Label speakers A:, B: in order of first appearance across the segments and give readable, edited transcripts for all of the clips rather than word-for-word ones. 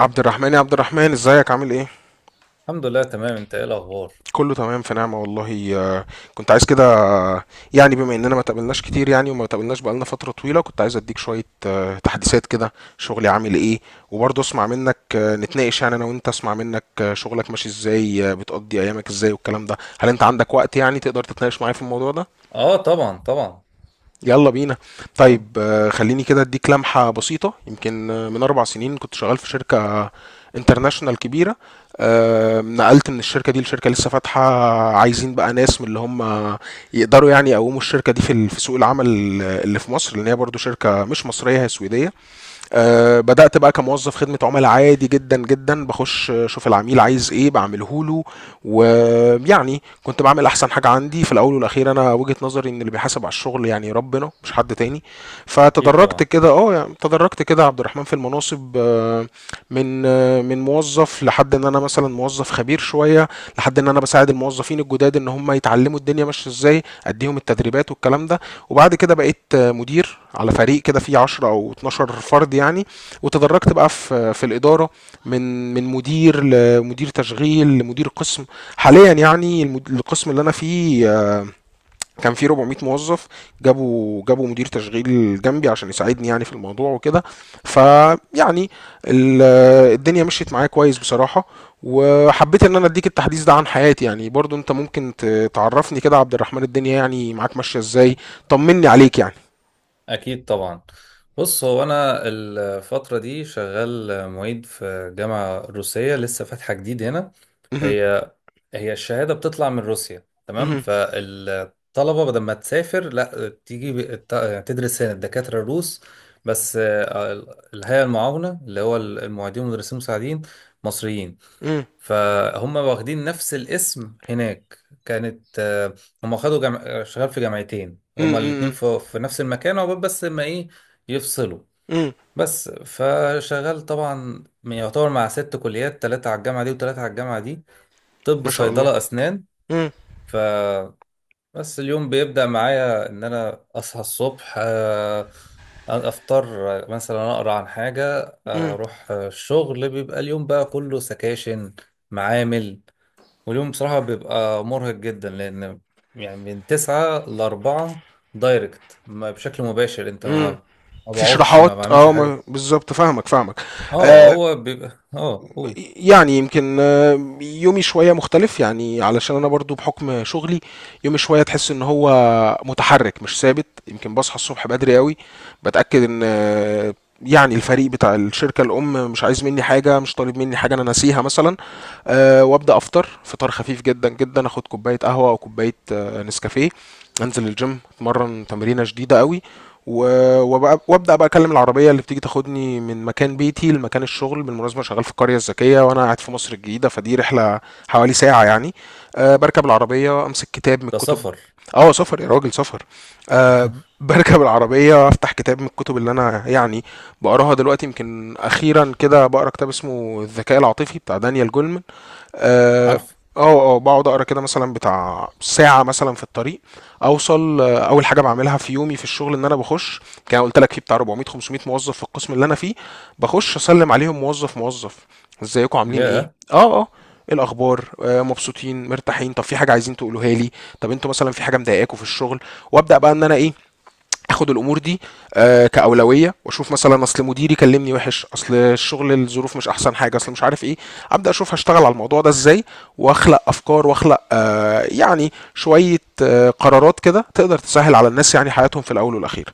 A: عبد الرحمن، يا عبد الرحمن، ازيك؟ عامل ايه؟
B: الحمد لله، تمام. انت ايه الاخبار؟
A: كله تمام، في نعمة والله. كنت عايز كده. يعني بما اننا ما تقابلناش كتير، يعني وما تقابلناش بقالنا فترة طويلة، كنت عايز اديك شوية تحديثات كده. شغلي عامل ايه؟ وبرضه اسمع منك. نتناقش يعني انا وانت، اسمع منك شغلك ماشي ازاي، بتقضي ايامك ازاي، والكلام ده. هل انت عندك وقت يعني تقدر تتناقش معايا في الموضوع ده؟
B: اه، طبعا طبعا.
A: يلا بينا.
B: طب-
A: طيب، خليني كده اديك لمحة بسيطة. يمكن من 4 سنين كنت شغال في شركة انترناشونال كبيره. نقلت من الشركه دي لشركه لسه فاتحه، عايزين بقى ناس من اللي هم يقدروا يعني يقوموا الشركه دي في في سوق العمل اللي في مصر، لان هي برضو شركه مش مصريه، هي سويديه. بدأت بقى كموظف خدمة عملاء عادي جدا جدا. بخش اشوف العميل عايز ايه بعمله له، ويعني كنت بعمل احسن حاجة عندي. في الاول والاخير انا وجهة نظري ان اللي بيحاسب على الشغل يعني ربنا، مش حد تاني.
B: اكيد
A: فتدرجت
B: طبعا.
A: كده، اه يعني تدرجت كده يا عبد الرحمن في المناصب. من من موظف لحد ان انا مثلا موظف خبير شوية، لحد ان انا بساعد الموظفين الجداد ان هم يتعلموا الدنيا ماشية ازاي، اديهم التدريبات والكلام ده. وبعد كده بقيت مدير على فريق كده فيه 10 او 12 فرد يعني، وتدرجت بقى في الاداره. من مدير لمدير تشغيل لمدير قسم. حاليا يعني، القسم اللي انا فيه كان فيه 400 موظف. جابوا مدير تشغيل جنبي عشان يساعدني يعني في الموضوع وكده. فيعني ال- الدنيا مشيت معايا كويس بصراحه. وحبيت ان انا اديك التحديث ده عن حياتي. يعني برضو انت ممكن تعرفني كده، عبد الرحمن، الدنيا يعني معاك ماشيه ازاي؟ طمني
B: أ-
A: عليك يعني.
B: اكيد طبعا. بص، هو انا الفتره دي شغال معيد في جامعه روسيه لسه فاتحه جديد هنا.
A: مهم.
B: هي هي الشهاده بتطلع من روسيا، تمام.
A: مهم.
B: فالطلبه بدل ما تسافر، لا، بتيجي تدرس هنا الدكاتره الروس. بس الهيئه المعاونه، اللي هو المعيدين والمدرسين المساعدين، مصريين.
A: مم.
B: فهم واخدين نفس الاسم هناك. كانت آه، هم خدوا جم... آه، شغال في جامعتين،
A: مم.
B: هما الاتنين
A: مم.
B: في نفس المكان، عقبال بس ما ايه يفصلوا.
A: مم.
B: بس فشغال طبعا، يعتبر مع ست كليات، تلاتة على الجامعة دي وتلاتة على الجامعة دي. طب،
A: ما شاء الله.
B: صيدلة، أسنان.
A: مم.
B: فبس. اليوم بيبدأ معايا إن أنا أصحى الصبح، أفطر، مثلا أقرأ عن حاجة،
A: مم.
B: أروح الشغل. بيبقى اليوم بقى كله سكاشن، معامل. واليوم بصراحة بيبقى مرهق جدا، لأن يعني من تسعة لأربعة دايركت، ما بشكل مباشر، أنت ما
A: مم.
B: ما
A: في
B: بقعدش، ما
A: شروحات،
B: بعملش
A: اه
B: حاجة.
A: بالظبط. فاهمك فاهمك.
B: اه،
A: آه،
B: هو بيبقى قول.
A: يعني يمكن يومي شوية مختلف يعني، علشان أنا برضو بحكم شغلي يومي شوية تحس إن هو متحرك مش ثابت. يمكن بصحى الصبح بدري قوي، بتأكد إن يعني الفريق بتاع الشركة الأم مش عايز مني حاجة، مش طالب مني حاجة أنا ناسيها مثلا. أه، وأبدأ أفطر فطار خفيف جدا جدا، أخد كوباية قهوة أو كوباية نسكافيه. أنزل الجيم أتمرن تمرينة شديدة قوي. و- وبقى- وابدا بقى اكلم العربيه اللي بتيجي تاخدني من مكان بيتي لمكان الشغل. بالمناسبه أنا شغال في القريه الذكيه وانا قاعد في مصر الجديده، فدي رحله حوالي ساعه يعني. أه، بركب العربيه امسك كتاب من
B: ده
A: الكتب.
B: سفر.
A: اه، سفر يا راجل، سفر. أه، بركب العربيه افتح كتاب من الكتب اللي انا يعني بقراها دلوقتي. يمكن اخيرا كده بقرا كتاب اسمه الذكاء العاطفي، بتاع دانيال جولمن. اه.
B: عارف.
A: اه. بقعد اقرا كده مثلا بتاع ساعه مثلا في الطريق. اوصل، اول حاجه بعملها في يومي في الشغل ان انا بخش. كان قلت لك في بتاع 400 500 موظف في القسم اللي انا فيه. بخش اسلم عليهم موظف موظف. ازيكم؟ عاملين ايه؟
B: ياه.
A: اه، اه، إيه الاخبار؟ مبسوطين مرتاحين؟ طب في حاجه عايزين تقولوها لي؟ طب انتوا مثلا في حاجه مضايقاكم في الشغل؟ وابدا بقى ان انا ايه، اخد الامور دي كاولويه. واشوف مثلا اصل مديري كلمني وحش، اصل الشغل الظروف مش احسن حاجه، اصل مش عارف ايه. ابدا اشوف هشتغل على الموضوع ده ازاي، واخلق افكار، واخلق يعني شويه قرارات كده تقدر تسهل على الناس يعني حياتهم في الاول والاخير.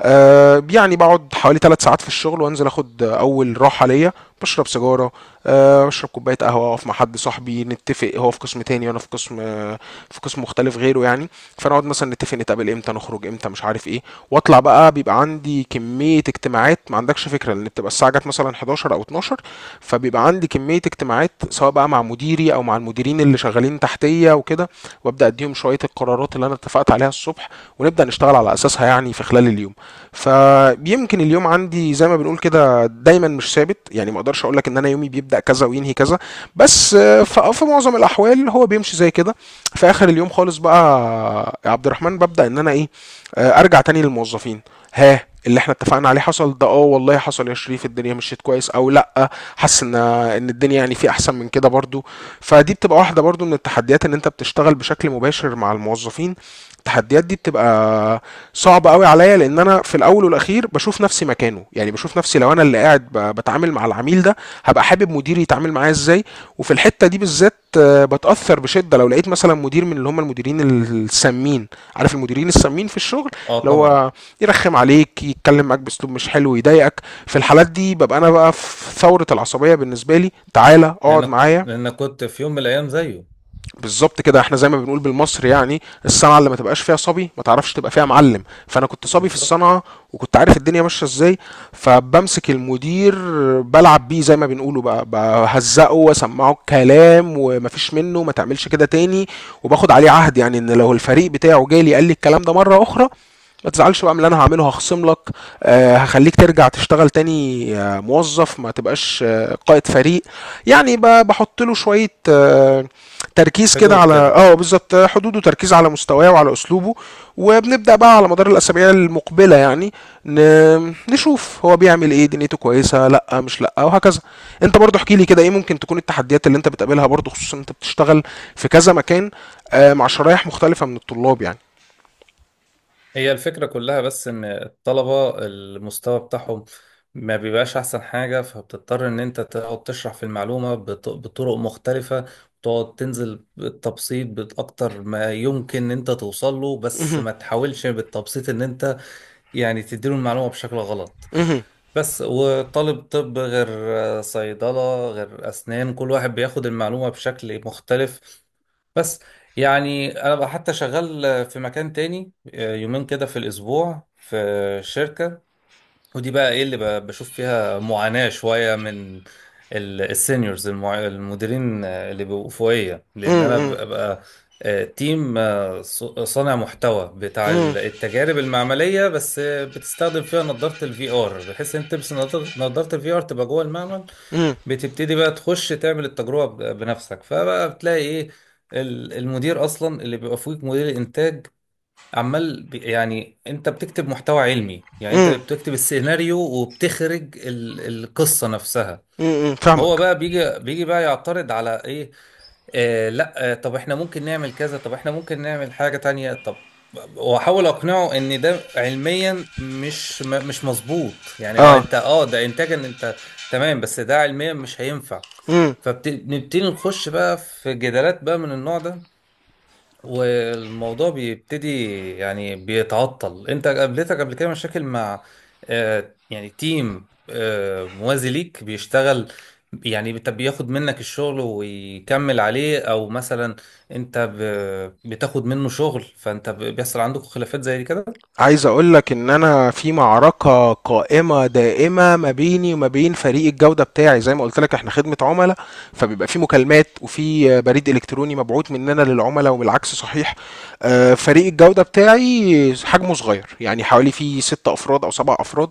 A: يعني بقعد حوالي 3 ساعات في الشغل وانزل اخد اول راحه ليا. بشرب سيجاره، بشرب كوبايه قهوه، اقف مع حد صاحبي نتفق. هو في قسم تاني وانا في قسم في قسم مختلف غيره يعني. فنقعد مثلا نتفق نتقابل امتى، نخرج امتى، مش عارف ايه. واطلع بقى، بيبقى عندي كميه اجتماعات ما عندكش فكره، لان بتبقى الساعه جت مثلا 11 او 12. فبيبقى عندي كميه اجتماعات، سواء بقى مع مديري او مع المديرين اللي شغالين تحتيه وكده. وابدا اديهم شويه القرارات اللي انا اتفقت عليها الصبح، ونبدا نشتغل على اساسها يعني في خلال اليوم. فيمكن اليوم عندي زي ما بنقول كده دايما مش ثابت. يعني ما اقدرش اقول لك ان انا يومي بيبدأ كذا وينهي كذا، بس في معظم الاحوال هو بيمشي زي كده. في اخر اليوم خالص بقى، يا عبد الرحمن، ببدأ ان انا ايه، ارجع تاني للموظفين. ها، اللي احنا اتفقنا عليه حصل ده؟ اه والله حصل يا شريف، الدنيا مشيت كويس. او لا، حاسس ان ان الدنيا يعني في احسن من كده برضو. فدي بتبقى واحده برضو من التحديات، ان انت بتشتغل بشكل مباشر مع الموظفين. التحديات دي بتبقى صعب قوي عليا، لان انا في الاول والاخير بشوف نفسي مكانه. يعني بشوف نفسي لو انا اللي قاعد بتعامل مع العميل ده، هبقى حابب مديري يتعامل معايا ازاي. وفي الحته دي بالذات بتاثر بشده لو لقيت مثلا مدير من اللي هم المديرين السامين. عارف المديرين السامين في الشغل،
B: اه،
A: اللي
B: طبعا.
A: هو يرخم عليك، يتكلم معاك باسلوب مش حلو، يضايقك. في الحالات دي ببقى انا بقى في ثوره العصبيه. بالنسبه لي، تعالى اقعد
B: لأنك
A: معايا.
B: لأنك كنت في يوم من الأيام زيه.
A: بالظبط كده. احنا زي ما بنقول بالمصري، يعني الصنعه اللي ما تبقاش فيها صبي ما تعرفش تبقى فيها معلم. فانا كنت صبي في
B: بالظبط.
A: الصنعه، وكنت عارف الدنيا ماشيه ازاي. فبمسك المدير بلعب بيه زي ما بنقوله بقى، بهزقه واسمعه الكلام، ومفيش منه، ما تعملش كده تاني. وباخد عليه عهد يعني ان لو الفريق بتاعه جالي قال لي الكلام ده مره اخرى، ما تزعلش بقى من اللي انا هعمله. هخصم لك، هخليك ترجع تشتغل تاني، موظف، ما تبقاش قائد فريق. يعني بحط له شويه تركيز كده
B: حدود
A: على،
B: كده.
A: اه بالظبط، حدوده. تركيز على مستواه وعلى اسلوبه. وبنبدا بقى على مدار الاسابيع المقبله يعني ن... نشوف هو بيعمل ايه، دنيته كويسه لا، مش لا، وهكذا. انت برضو احكي لي كده ايه ممكن تكون التحديات اللي انت بتقابلها برضو، خصوصا انت بتشتغل في كذا مكان مع شرايح مختلفه من الطلاب يعني.
B: هي الفكرة كلها بس إن الطلبة المستوى بتاعهم ما بيبقاش أحسن حاجة، فبتضطر إن أنت تقعد تشرح في المعلومة بطرق مختلفة، وتقعد تنزل بالتبسيط بأكتر ما يمكن إن أنت توصل له، بس
A: مهم.
B: ما تحاولش بالتبسيط إن أنت يعني تديله المعلومة بشكل غلط.
A: مهم.
B: بس. وطالب طب غير صيدلة غير أسنان، كل واحد بياخد المعلومة بشكل مختلف. بس يعني أنا بقى حتى شغال في مكان تاني، يومين كده في الأسبوع، في شركة. ودي بقى ايه اللي بشوف فيها معاناة شوية من السينيورز، المديرين اللي بيبقوا فوقية، لان
A: مم.
B: انا
A: مم.
B: ببقى تيم، صانع محتوى بتاع
A: مم.
B: التجارب المعملية. بس بتستخدم فيها نظارة الفي ار، بحيث انت تلبس نظارة الفي ار تبقى جوه المعمل.
A: مم.
B: بتبتدي بقى تخش تعمل التجربة بنفسك، فبقى بتلاقي ايه المدير اصلا اللي بيبقى فوقك، مدير الانتاج، عمال يعني. انت بتكتب محتوى علمي، يعني انت
A: مم.
B: بتكتب السيناريو وبتخرج القصة نفسها.
A: مم.
B: هو
A: فاهمك.
B: بقى بيجي بقى يعترض على ايه. لا، طب احنا ممكن نعمل كذا، طب احنا ممكن نعمل حاجة تانية. طب، واحاول اقنعه ان ده علميا مش مظبوط، يعني اه،
A: اه.
B: انت ده انتاجا، انت تمام، بس ده علميا مش هينفع.
A: مم.
B: فبنبتدي نخش بقى في جدالات بقى من النوع ده، والموضوع بيبتدي يعني بيتعطل. انت قابلتك قبل كده مشاكل مع يعني تيم موازي ليك بيشتغل، يعني بياخد منك الشغل ويكمل عليه، او مثلا انت بتاخد منه شغل، فانت بيحصل عندك خلافات زي دي كده؟
A: عايز اقول لك ان انا في معركة قائمة دائمة ما بيني وما بين فريق الجودة بتاعي. زي ما قلت لك احنا خدمة عملاء، فبيبقى في مكالمات وفي بريد الكتروني مبعوث مننا للعملاء والعكس صحيح. فريق الجودة بتاعي حجمه صغير، يعني حوالي في 6 افراد او 7 افراد،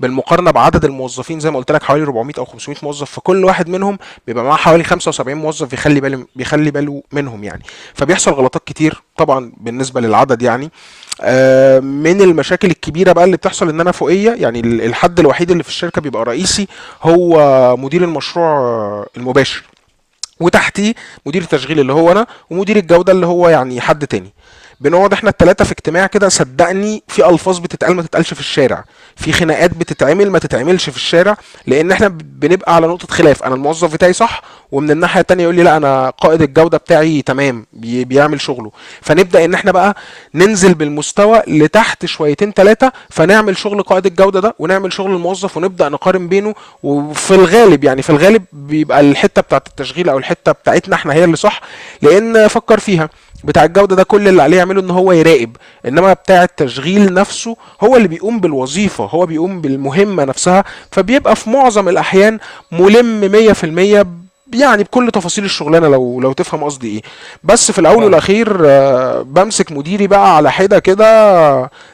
A: بالمقارنة بعدد الموظفين، زي ما قلت لك حوالي 400 او 500 موظف. فكل واحد منهم بيبقى معاه حوالي 75 موظف، بيخلي باله منهم يعني، فبيحصل غلطات كتير طبعا بالنسبة للعدد يعني. من المشاكل الكبيره بقى اللي بتحصل، ان انا فوقيه يعني الحد الوحيد اللي في الشركه بيبقى رئيسي، هو مدير المشروع المباشر. وتحتيه مدير التشغيل اللي هو انا، ومدير الجوده اللي هو يعني حد تاني. بنقعد احنا التلاتة في اجتماع كده، صدقني في الفاظ بتتقال ما تتقالش في الشارع، في خناقات بتتعمل ما تتعملش في الشارع. لان احنا بنبقى على نقطة خلاف، انا الموظف بتاعي صح، ومن الناحية التانية يقول لي لا، انا قائد الجودة بتاعي تمام بيعمل شغله. فنبدأ ان احنا بقى ننزل بالمستوى لتحت شويتين تلاتة، فنعمل شغل قائد الجودة ده، ونعمل شغل الموظف، ونبدأ نقارن بينه. وفي الغالب، يعني في الغالب، بيبقى الحتة بتاعت التشغيل او الحتة بتاعتنا احنا هي اللي صح. لان فكر فيها، بتاع الجوده ده كل اللي عليه يعمله ان هو يراقب، انما بتاع التشغيل نفسه هو اللي بيقوم بالوظيفه، هو بيقوم بالمهمه نفسها. فبيبقى في معظم الاحيان ملم 100% يعني، بكل تفاصيل الشغلانه، لو تفهم قصدي ايه. بس في الاول
B: فاهمك.
A: والاخير بمسك مديري بقى على حده كده.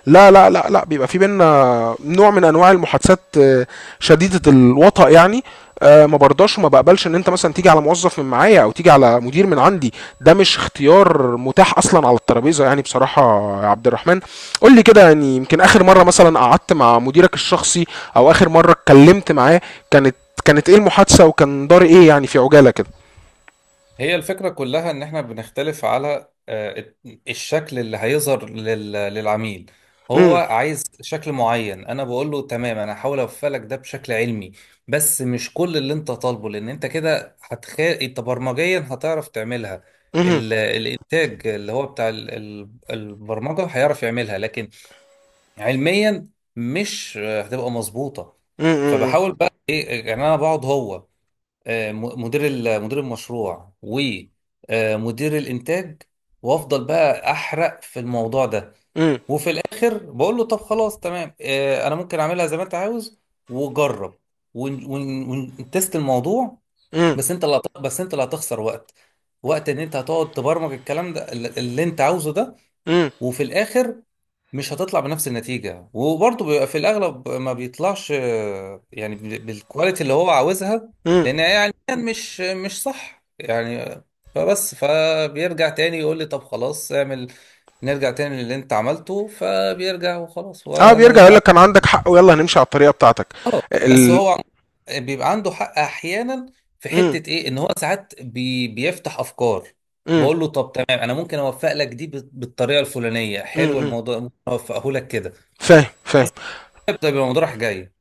A: لا لا لا لا، بيبقى في بينا نوع من انواع المحادثات شديده الوطأ يعني. ما برضاش وما بقبلش ان انت مثلا تيجي على موظف من معايا، او تيجي على مدير من عندي. ده مش اختيار متاح اصلا على الترابيزه يعني بصراحه. يا عبد الرحمن، قول لي كده، يعني يمكن اخر مره مثلا قعدت مع مديرك الشخصي، او اخر مره اتكلمت معاه، كانت كانت ايه المحادثه وكان دار ايه يعني في عجاله كده.
B: هي الفكرة كلها إن إحنا بنختلف على الشكل اللي هيظهر للعميل. هو
A: امم.
B: عايز شكل معين، أنا بقول له تمام، أنا هحاول أوفق لك ده بشكل علمي، بس مش كل اللي أنت طالبه، لأن أنت كده أنت برمجيا هتعرف تعملها.
A: امم.
B: الإنتاج اللي هو بتاع البرمجة هيعرف يعملها، لكن علميا مش هتبقى مظبوطة.
A: امم. امم.
B: فبحاول بقى إيه يعني، أنا بقعد هو مدير المشروع ومدير الانتاج، وافضل بقى احرق في الموضوع ده.
A: امم.
B: وفي الاخر بقول له، طب خلاص تمام، انا ممكن اعملها زي ما انت عاوز، وجرب ون- ون- ونتست الموضوع. بس انت اللي هتخسر وقت، وقت ان انت هتقعد تبرمج الكلام ده اللي انت عاوزه ده.
A: امم.
B: وفي الاخر مش هتطلع بنفس النتيجه، وبرضه بيبقى في الاغلب ما بيطلعش يعني بالكواليتي اللي هو عاوزها،
A: امم.
B: لان يعني مش صح يعني فبس فبيرجع تاني يقول لي، طب خلاص، اعمل، نرجع تاني للي انت عملته. فبيرجع وخلاص،
A: اه، بيرجع يقول
B: ولا.
A: لك كان عندك حق ويلا هنمشي على الطريقه بتاعتك.
B: اه، بس
A: ال
B: هو بيبقى عنده حق احيانا، في
A: امم.
B: حته ايه ان هو ساعات بيفتح افكار،
A: امم.
B: بقول له طب تمام، انا ممكن اوفق لك دي بالطريقه الفلانيه، حلو،
A: امم.
B: الموضوع ممكن اوفقه لك كده.
A: فاهم
B: بس
A: فاهم.
B: ده بيبقى الموضوع رايح جاي.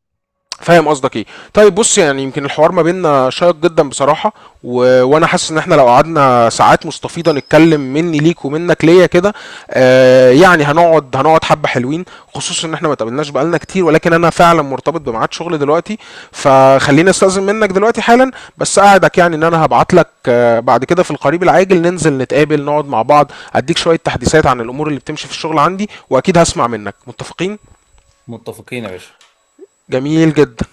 A: فاهم قصدك ايه. طيب، بص، يعني يمكن الحوار ما بيننا شيق جدا بصراحه، و... وانا حاسس ان احنا لو قعدنا ساعات مستفيضه نتكلم مني ليك ومنك ليا كده، آه، يعني هنقعد حبه حلوين. خصوصا ان احنا ما اتقابلناش بقالنا كتير، ولكن انا فعلا مرتبط بميعاد شغل دلوقتي، فخليني استاذن منك دلوقتي حالا. بس اقعدك يعني ان انا هبعت لك بعد كده في القريب العاجل، ننزل نتقابل نقعد مع بعض، اديك شويه تحديثات عن الامور اللي بتمشي في الشغل عندي، واكيد هسمع منك. متفقين.
B: متفقين يا باشا.
A: جميل جدا.